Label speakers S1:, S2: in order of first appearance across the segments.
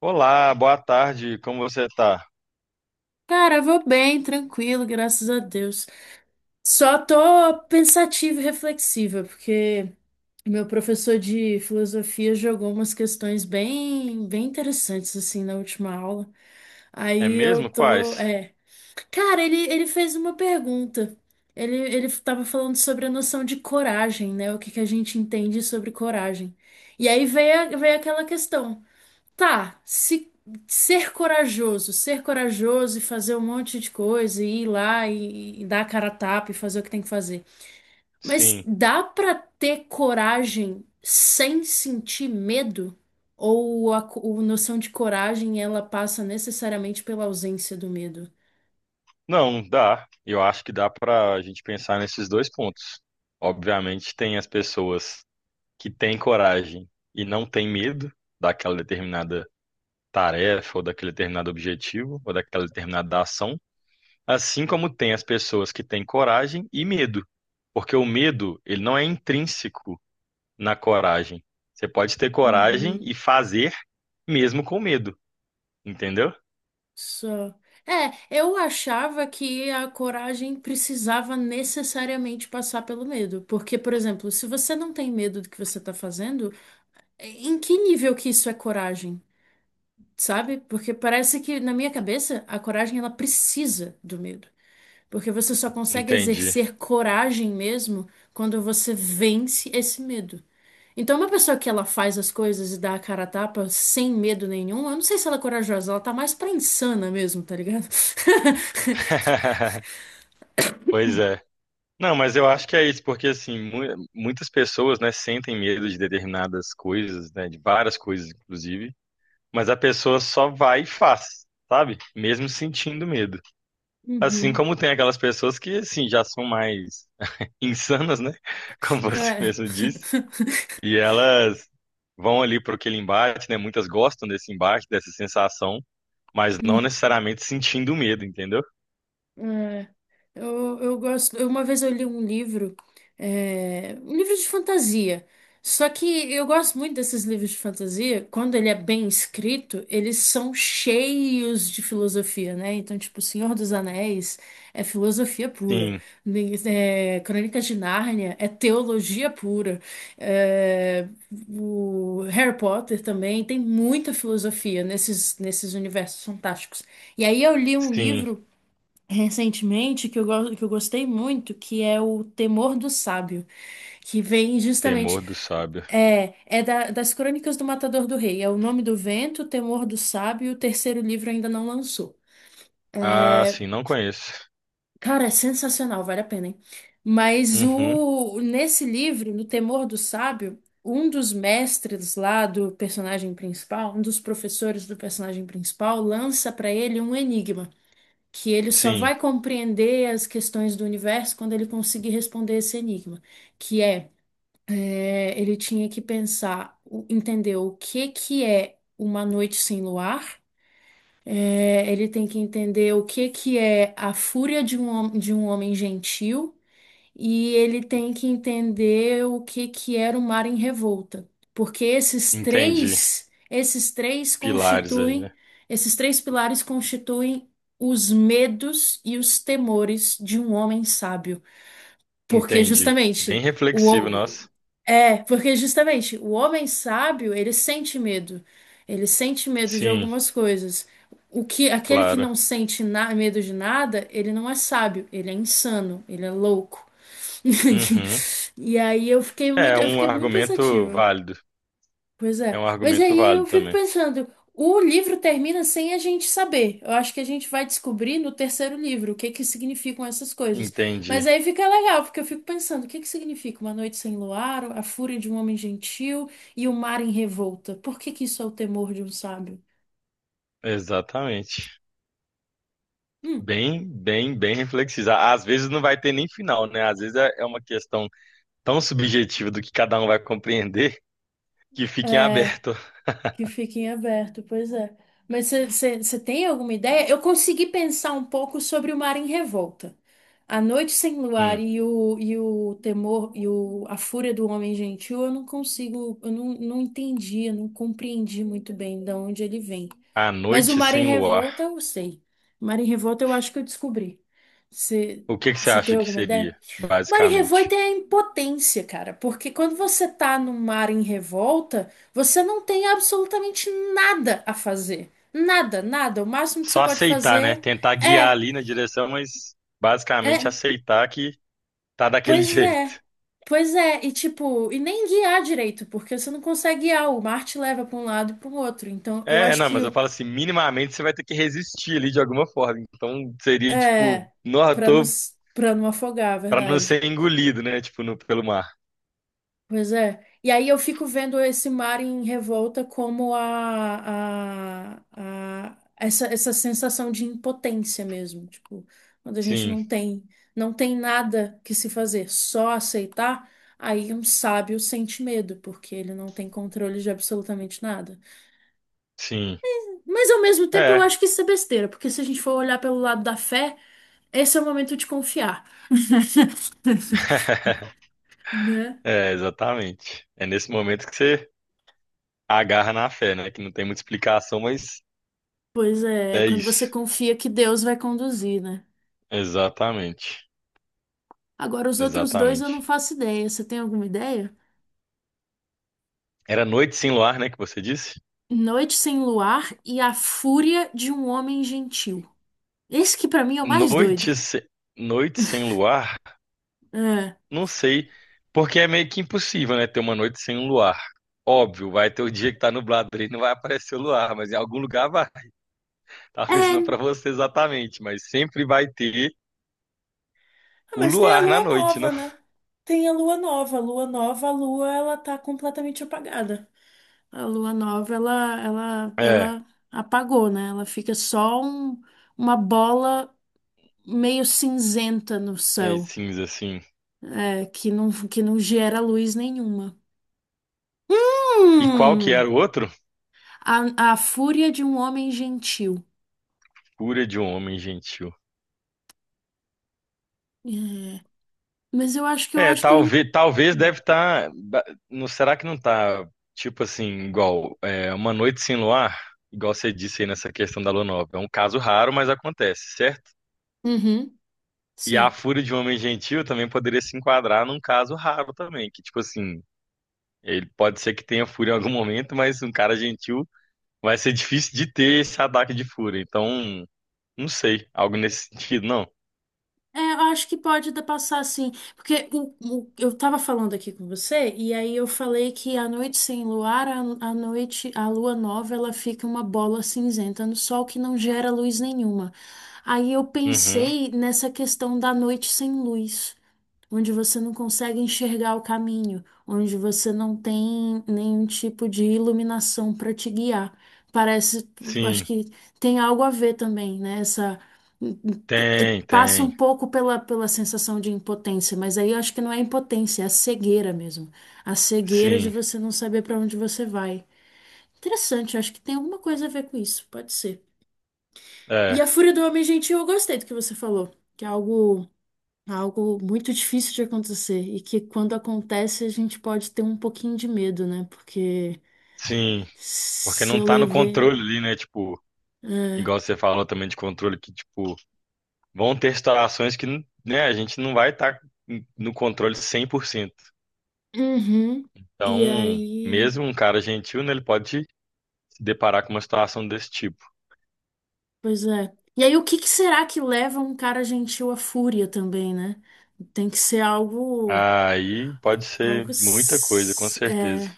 S1: Olá, boa tarde, como você tá?
S2: Cara, eu vou bem, tranquilo, graças a Deus. Só tô pensativa e reflexiva, porque meu professor de filosofia jogou umas questões bem interessantes assim na última aula.
S1: É
S2: Aí eu
S1: mesmo?
S2: tô,
S1: Quais?
S2: cara, ele fez uma pergunta. Ele tava falando sobre a noção de coragem, né? O que que a gente entende sobre coragem. E aí veio, veio aquela questão. Tá, se ser corajoso, ser corajoso e fazer um monte de coisa e ir lá e dar a cara a tapa e fazer o que tem que fazer. Mas
S1: Sim.
S2: dá pra ter coragem sem sentir medo? Ou a noção de coragem ela passa necessariamente pela ausência do medo?
S1: Não, dá. Eu acho que dá pra gente pensar nesses dois pontos. Obviamente, tem as pessoas que têm coragem e não têm medo daquela determinada tarefa, ou daquele determinado objetivo, ou daquela determinada ação, assim como tem as pessoas que têm coragem e medo, porque o medo, ele não é intrínseco na coragem. Você pode ter coragem e
S2: Uhum.
S1: fazer mesmo com medo, entendeu?
S2: Só. É, eu achava que a coragem precisava necessariamente passar pelo medo. Porque, por exemplo, se você não tem medo do que você está fazendo, em que nível que isso é coragem, sabe? Porque parece que, na minha cabeça, a coragem ela precisa do medo. Porque você só consegue
S1: Entendi.
S2: exercer coragem mesmo quando você vence esse medo. Então, uma pessoa que ela faz as coisas e dá a cara a tapa sem medo nenhum, eu não sei se ela é corajosa, ela tá mais pra insana mesmo, tá ligado?
S1: Pois é. Não, mas eu acho que é isso, porque assim, muitas pessoas, né, sentem medo de determinadas coisas, né, de várias coisas, inclusive, mas a pessoa só vai e faz, sabe? Mesmo sentindo medo. Assim
S2: Uhum.
S1: como tem aquelas pessoas que, assim, já são mais insanas, né, como você
S2: É.
S1: mesmo disse, e elas vão ali para aquele embate, né, muitas gostam desse embate, dessa sensação, mas não
S2: Hum.
S1: necessariamente sentindo medo, entendeu?
S2: É. Eu gosto. Uma vez eu li um livro, um livro de fantasia. Só que eu gosto muito desses livros de fantasia. Quando ele é bem escrito, eles são cheios de filosofia, né? Então, tipo, Senhor dos Anéis é filosofia pura.
S1: Sim,
S2: É, Crônicas de Nárnia é teologia pura. É, o Harry Potter também tem muita filosofia nesses universos fantásticos. E aí eu li um
S1: sim.
S2: livro recentemente que que eu gostei muito, que é o Temor do Sábio, que vem
S1: Temor
S2: justamente
S1: do Sábio.
S2: das Crônicas do Matador do Rei, é o Nome do Vento, Temor do Sábio, o terceiro livro ainda não lançou.
S1: Ah, sim, não conheço.
S2: Cara, é sensacional, vale a pena, hein? Mas
S1: Uhum,
S2: o nesse livro, no Temor do Sábio, um dos mestres lá do personagem principal, um dos professores do personagem principal, lança para ele um enigma, que ele só
S1: sim,
S2: vai compreender as questões do universo quando ele conseguir responder esse enigma, que é, é, ele tinha que pensar, entender o que que é uma noite sem luar, é, ele tem que entender o que que é a fúria de de um homem gentil, e ele tem que entender o que que era o mar em revolta, porque esses
S1: entendi.
S2: três, esses três
S1: Pilares aí,
S2: constituem,
S1: né?
S2: esses três pilares constituem os medos e os temores de um homem sábio, porque
S1: Entendi. Bem
S2: justamente o
S1: reflexivo,
S2: o-
S1: nossa.
S2: porque justamente o homem sábio, ele sente medo. Ele sente medo de
S1: Sim,
S2: algumas coisas. O que aquele que
S1: claro.
S2: não sente medo de nada, ele não é sábio, ele é insano, ele é louco.
S1: Uhum.
S2: E aí
S1: É
S2: eu
S1: um
S2: fiquei muito
S1: argumento
S2: pensativa.
S1: válido.
S2: Pois
S1: É
S2: é.
S1: um
S2: Mas
S1: argumento
S2: aí eu
S1: válido
S2: fico
S1: também.
S2: pensando, o livro termina sem a gente saber. Eu acho que a gente vai descobrir no terceiro livro o que que significam essas coisas. Mas
S1: Entendi.
S2: aí fica legal, porque eu fico pensando, o que que significa uma noite sem luar, a fúria de um homem gentil e o mar em revolta? Por que que isso é o temor de um sábio?
S1: Exatamente.
S2: Hum,
S1: Bem, bem, bem reflexivo. Às vezes não vai ter nem final, né? Às vezes é uma questão tão subjetiva do que cada um vai compreender que fica em
S2: é.
S1: aberto.
S2: Que fique em aberto, pois é. Mas você tem alguma ideia? Eu consegui pensar um pouco sobre o Mar em Revolta. A Noite Sem Luar
S1: Hum.
S2: e o Temor a Fúria do Homem Gentil, eu não consigo, eu não, não entendi, eu não compreendi muito bem de onde ele vem.
S1: A
S2: Mas O
S1: noite
S2: Mar em
S1: sem luar.
S2: Revolta eu sei. O Mar em Revolta eu acho que eu descobri. Você
S1: O que que você
S2: tem
S1: acha que
S2: alguma ideia?
S1: seria,
S2: Mar em
S1: basicamente?
S2: revolta é a impotência, cara, porque quando você tá no mar em revolta, você não tem absolutamente nada a fazer. Nada, nada. O máximo que você
S1: Só
S2: pode
S1: aceitar, né?
S2: fazer
S1: Tentar guiar
S2: é,
S1: ali na direção, mas basicamente
S2: é,
S1: aceitar que tá daquele
S2: pois é.
S1: jeito.
S2: Pois é, e tipo, e nem guiar direito, porque você não consegue guiar, o mar te leva pra um lado e para o outro. Então, eu
S1: É,
S2: acho
S1: não,
S2: que
S1: mas eu falo assim, minimamente você vai ter que resistir ali de alguma forma. Então seria tipo,
S2: é
S1: não, eu
S2: para
S1: tô
S2: pra não afogar, a
S1: pra não
S2: verdade.
S1: ser engolido, né? Tipo, no, pelo mar.
S2: Pois é. E aí eu fico vendo esse mar em revolta como essa, essa sensação de impotência mesmo, tipo, quando a gente
S1: Sim,
S2: não tem, não tem nada que se fazer, só aceitar, aí um sábio sente medo, porque ele não tem controle de absolutamente nada.
S1: sim.
S2: Mas ao mesmo tempo eu
S1: É.
S2: acho que isso é besteira, porque se a gente for olhar pelo lado da fé, esse é o momento de confiar. Né?
S1: É, exatamente. É nesse momento que você agarra na fé, né? Que não tem muita explicação, mas
S2: Pois é, é
S1: é
S2: quando você
S1: isso.
S2: confia que Deus vai conduzir, né?
S1: Exatamente.
S2: Agora, os outros dois eu não
S1: Exatamente.
S2: faço ideia. Você tem alguma ideia?
S1: Era Noite Sem Luar, né, que você disse?
S2: Noite Sem Luar e A Fúria de um Homem Gentil. Esse que pra mim é o mais doido.
S1: Noite, se- Noite sem luar?
S2: É.
S1: Não sei, porque é meio que impossível, né, ter uma noite sem um luar. Óbvio, vai ter o dia que tá nublado ali, não vai aparecer o luar, mas em algum lugar vai. Talvez não para
S2: É.
S1: você exatamente, mas sempre vai ter
S2: Ah,
S1: o
S2: mas tem a
S1: luar na
S2: lua
S1: noite, não?
S2: nova, né? Tem a lua nova. A lua nova, a lua, ela tá completamente apagada. A lua nova, ela, ela,
S1: É,
S2: ela apagou, né? Ela fica só um- uma bola meio cinzenta no
S1: meio
S2: céu,
S1: cinza assim.
S2: é, que não gera luz nenhuma.
S1: E qual que
S2: Hum!
S1: era o outro?
S2: A Fúria de um Homem Gentil.
S1: Cura de um homem gentil.
S2: É, mas eu acho que
S1: É, talvez, talvez deve estar. Não, será que não tá, tipo assim, igual é, uma noite sem luar? Igual você disse aí nessa questão da lua nova. É um caso raro, mas acontece, certo?
S2: Uhum,
S1: E a
S2: sim.
S1: fúria de um homem gentil também poderia se enquadrar num caso raro também, que, tipo assim, ele pode ser que tenha fúria em algum momento, mas um cara gentil vai ser difícil de ter esse ataque de fúria. Então, não sei, algo nesse sentido, não.
S2: É, eu acho que pode dar passar assim, porque eu tava falando aqui com você, e aí eu falei que a noite sem luar, a noite, a lua nova, ela fica uma bola cinzenta no sol que não gera luz nenhuma. Aí eu
S1: Uhum.
S2: pensei nessa questão da noite sem luz onde você não consegue enxergar o caminho, onde você não tem nenhum tipo de iluminação para te guiar. Parece, acho
S1: Sim,
S2: que tem algo a ver também, né? Essa
S1: tem,
S2: passa um
S1: tem.
S2: pouco pela sensação de impotência, mas aí eu acho que não é impotência, é a cegueira mesmo. A cegueira de
S1: Sim,
S2: você não saber pra onde você vai. Interessante, eu acho que tem alguma coisa a ver com isso, pode ser. E
S1: é,
S2: a fúria do homem gentil, eu gostei do que você falou, que é algo, algo muito difícil de acontecer e que quando acontece a gente pode ter um pouquinho de medo, né? Porque
S1: sim. Porque
S2: se
S1: não
S2: eu
S1: tá no
S2: levei.
S1: controle ali, né? Tipo,
S2: É,
S1: igual você falou também de controle, que, tipo, vão ter situações que, né, a gente não vai estar no controle 100%.
S2: uhum, e
S1: Então,
S2: aí.
S1: mesmo um cara gentil, né, ele pode se deparar com uma situação desse tipo.
S2: Pois é. E aí, o que que será que leva um cara gentil à fúria também, né? Tem que ser algo,
S1: Aí pode ser muita coisa, com certeza.
S2: é.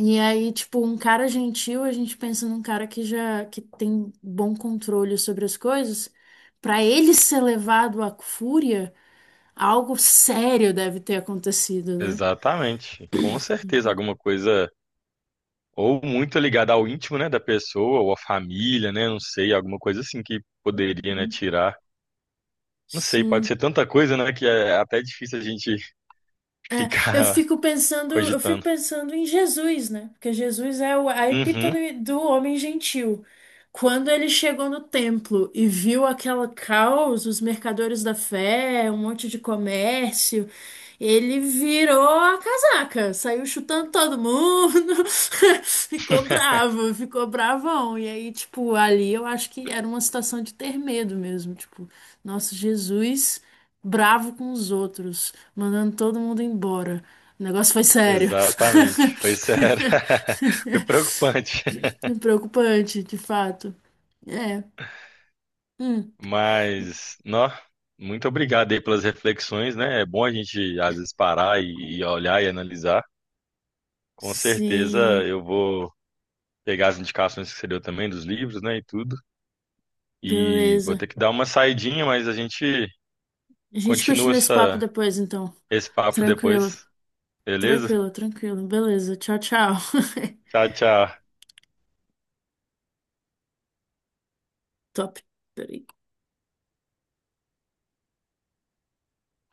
S2: E aí, tipo, um cara gentil, a gente pensa num cara que já que tem bom controle sobre as coisas. Pra ele ser levado à fúria, algo sério deve ter acontecido, né?
S1: Exatamente. Com certeza, alguma coisa ou muito ligada ao íntimo, né, da pessoa, ou à família, né, não sei, alguma coisa assim que poderia, né, tirar. Não sei, pode ser
S2: Sim.
S1: tanta coisa, né, que é até difícil a gente
S2: É,
S1: ficar
S2: eu fico
S1: cogitando.
S2: pensando em Jesus, né? Porque Jesus é a
S1: Uhum.
S2: epítome do homem gentil. Quando ele chegou no templo e viu aquela caos, os mercadores da fé, um monte de comércio, ele virou a casaca, saiu chutando todo mundo, ficou bravo, ficou bravão. E aí, tipo, ali eu acho que era uma situação de ter medo mesmo, tipo, nosso Jesus bravo com os outros, mandando todo mundo embora. O negócio foi sério.
S1: Exatamente, foi sério, foi preocupante,
S2: Preocupante, de fato. É. Hum.
S1: mas, nó, muito obrigado aí pelas reflexões, né? É bom a gente às vezes parar e olhar e analisar. Com certeza
S2: Sim.
S1: eu vou pegar as indicações que você deu também dos livros, né, e tudo, e vou
S2: Beleza.
S1: ter que dar uma saidinha, mas a gente
S2: A gente
S1: continua
S2: continua esse papo
S1: essa,
S2: depois, então.
S1: esse papo
S2: Tranquilo.
S1: depois, beleza?
S2: Tranquilo, tranquilo. Beleza. Tchau, tchau.
S1: Tchau, tchau.
S2: Top. Peraí.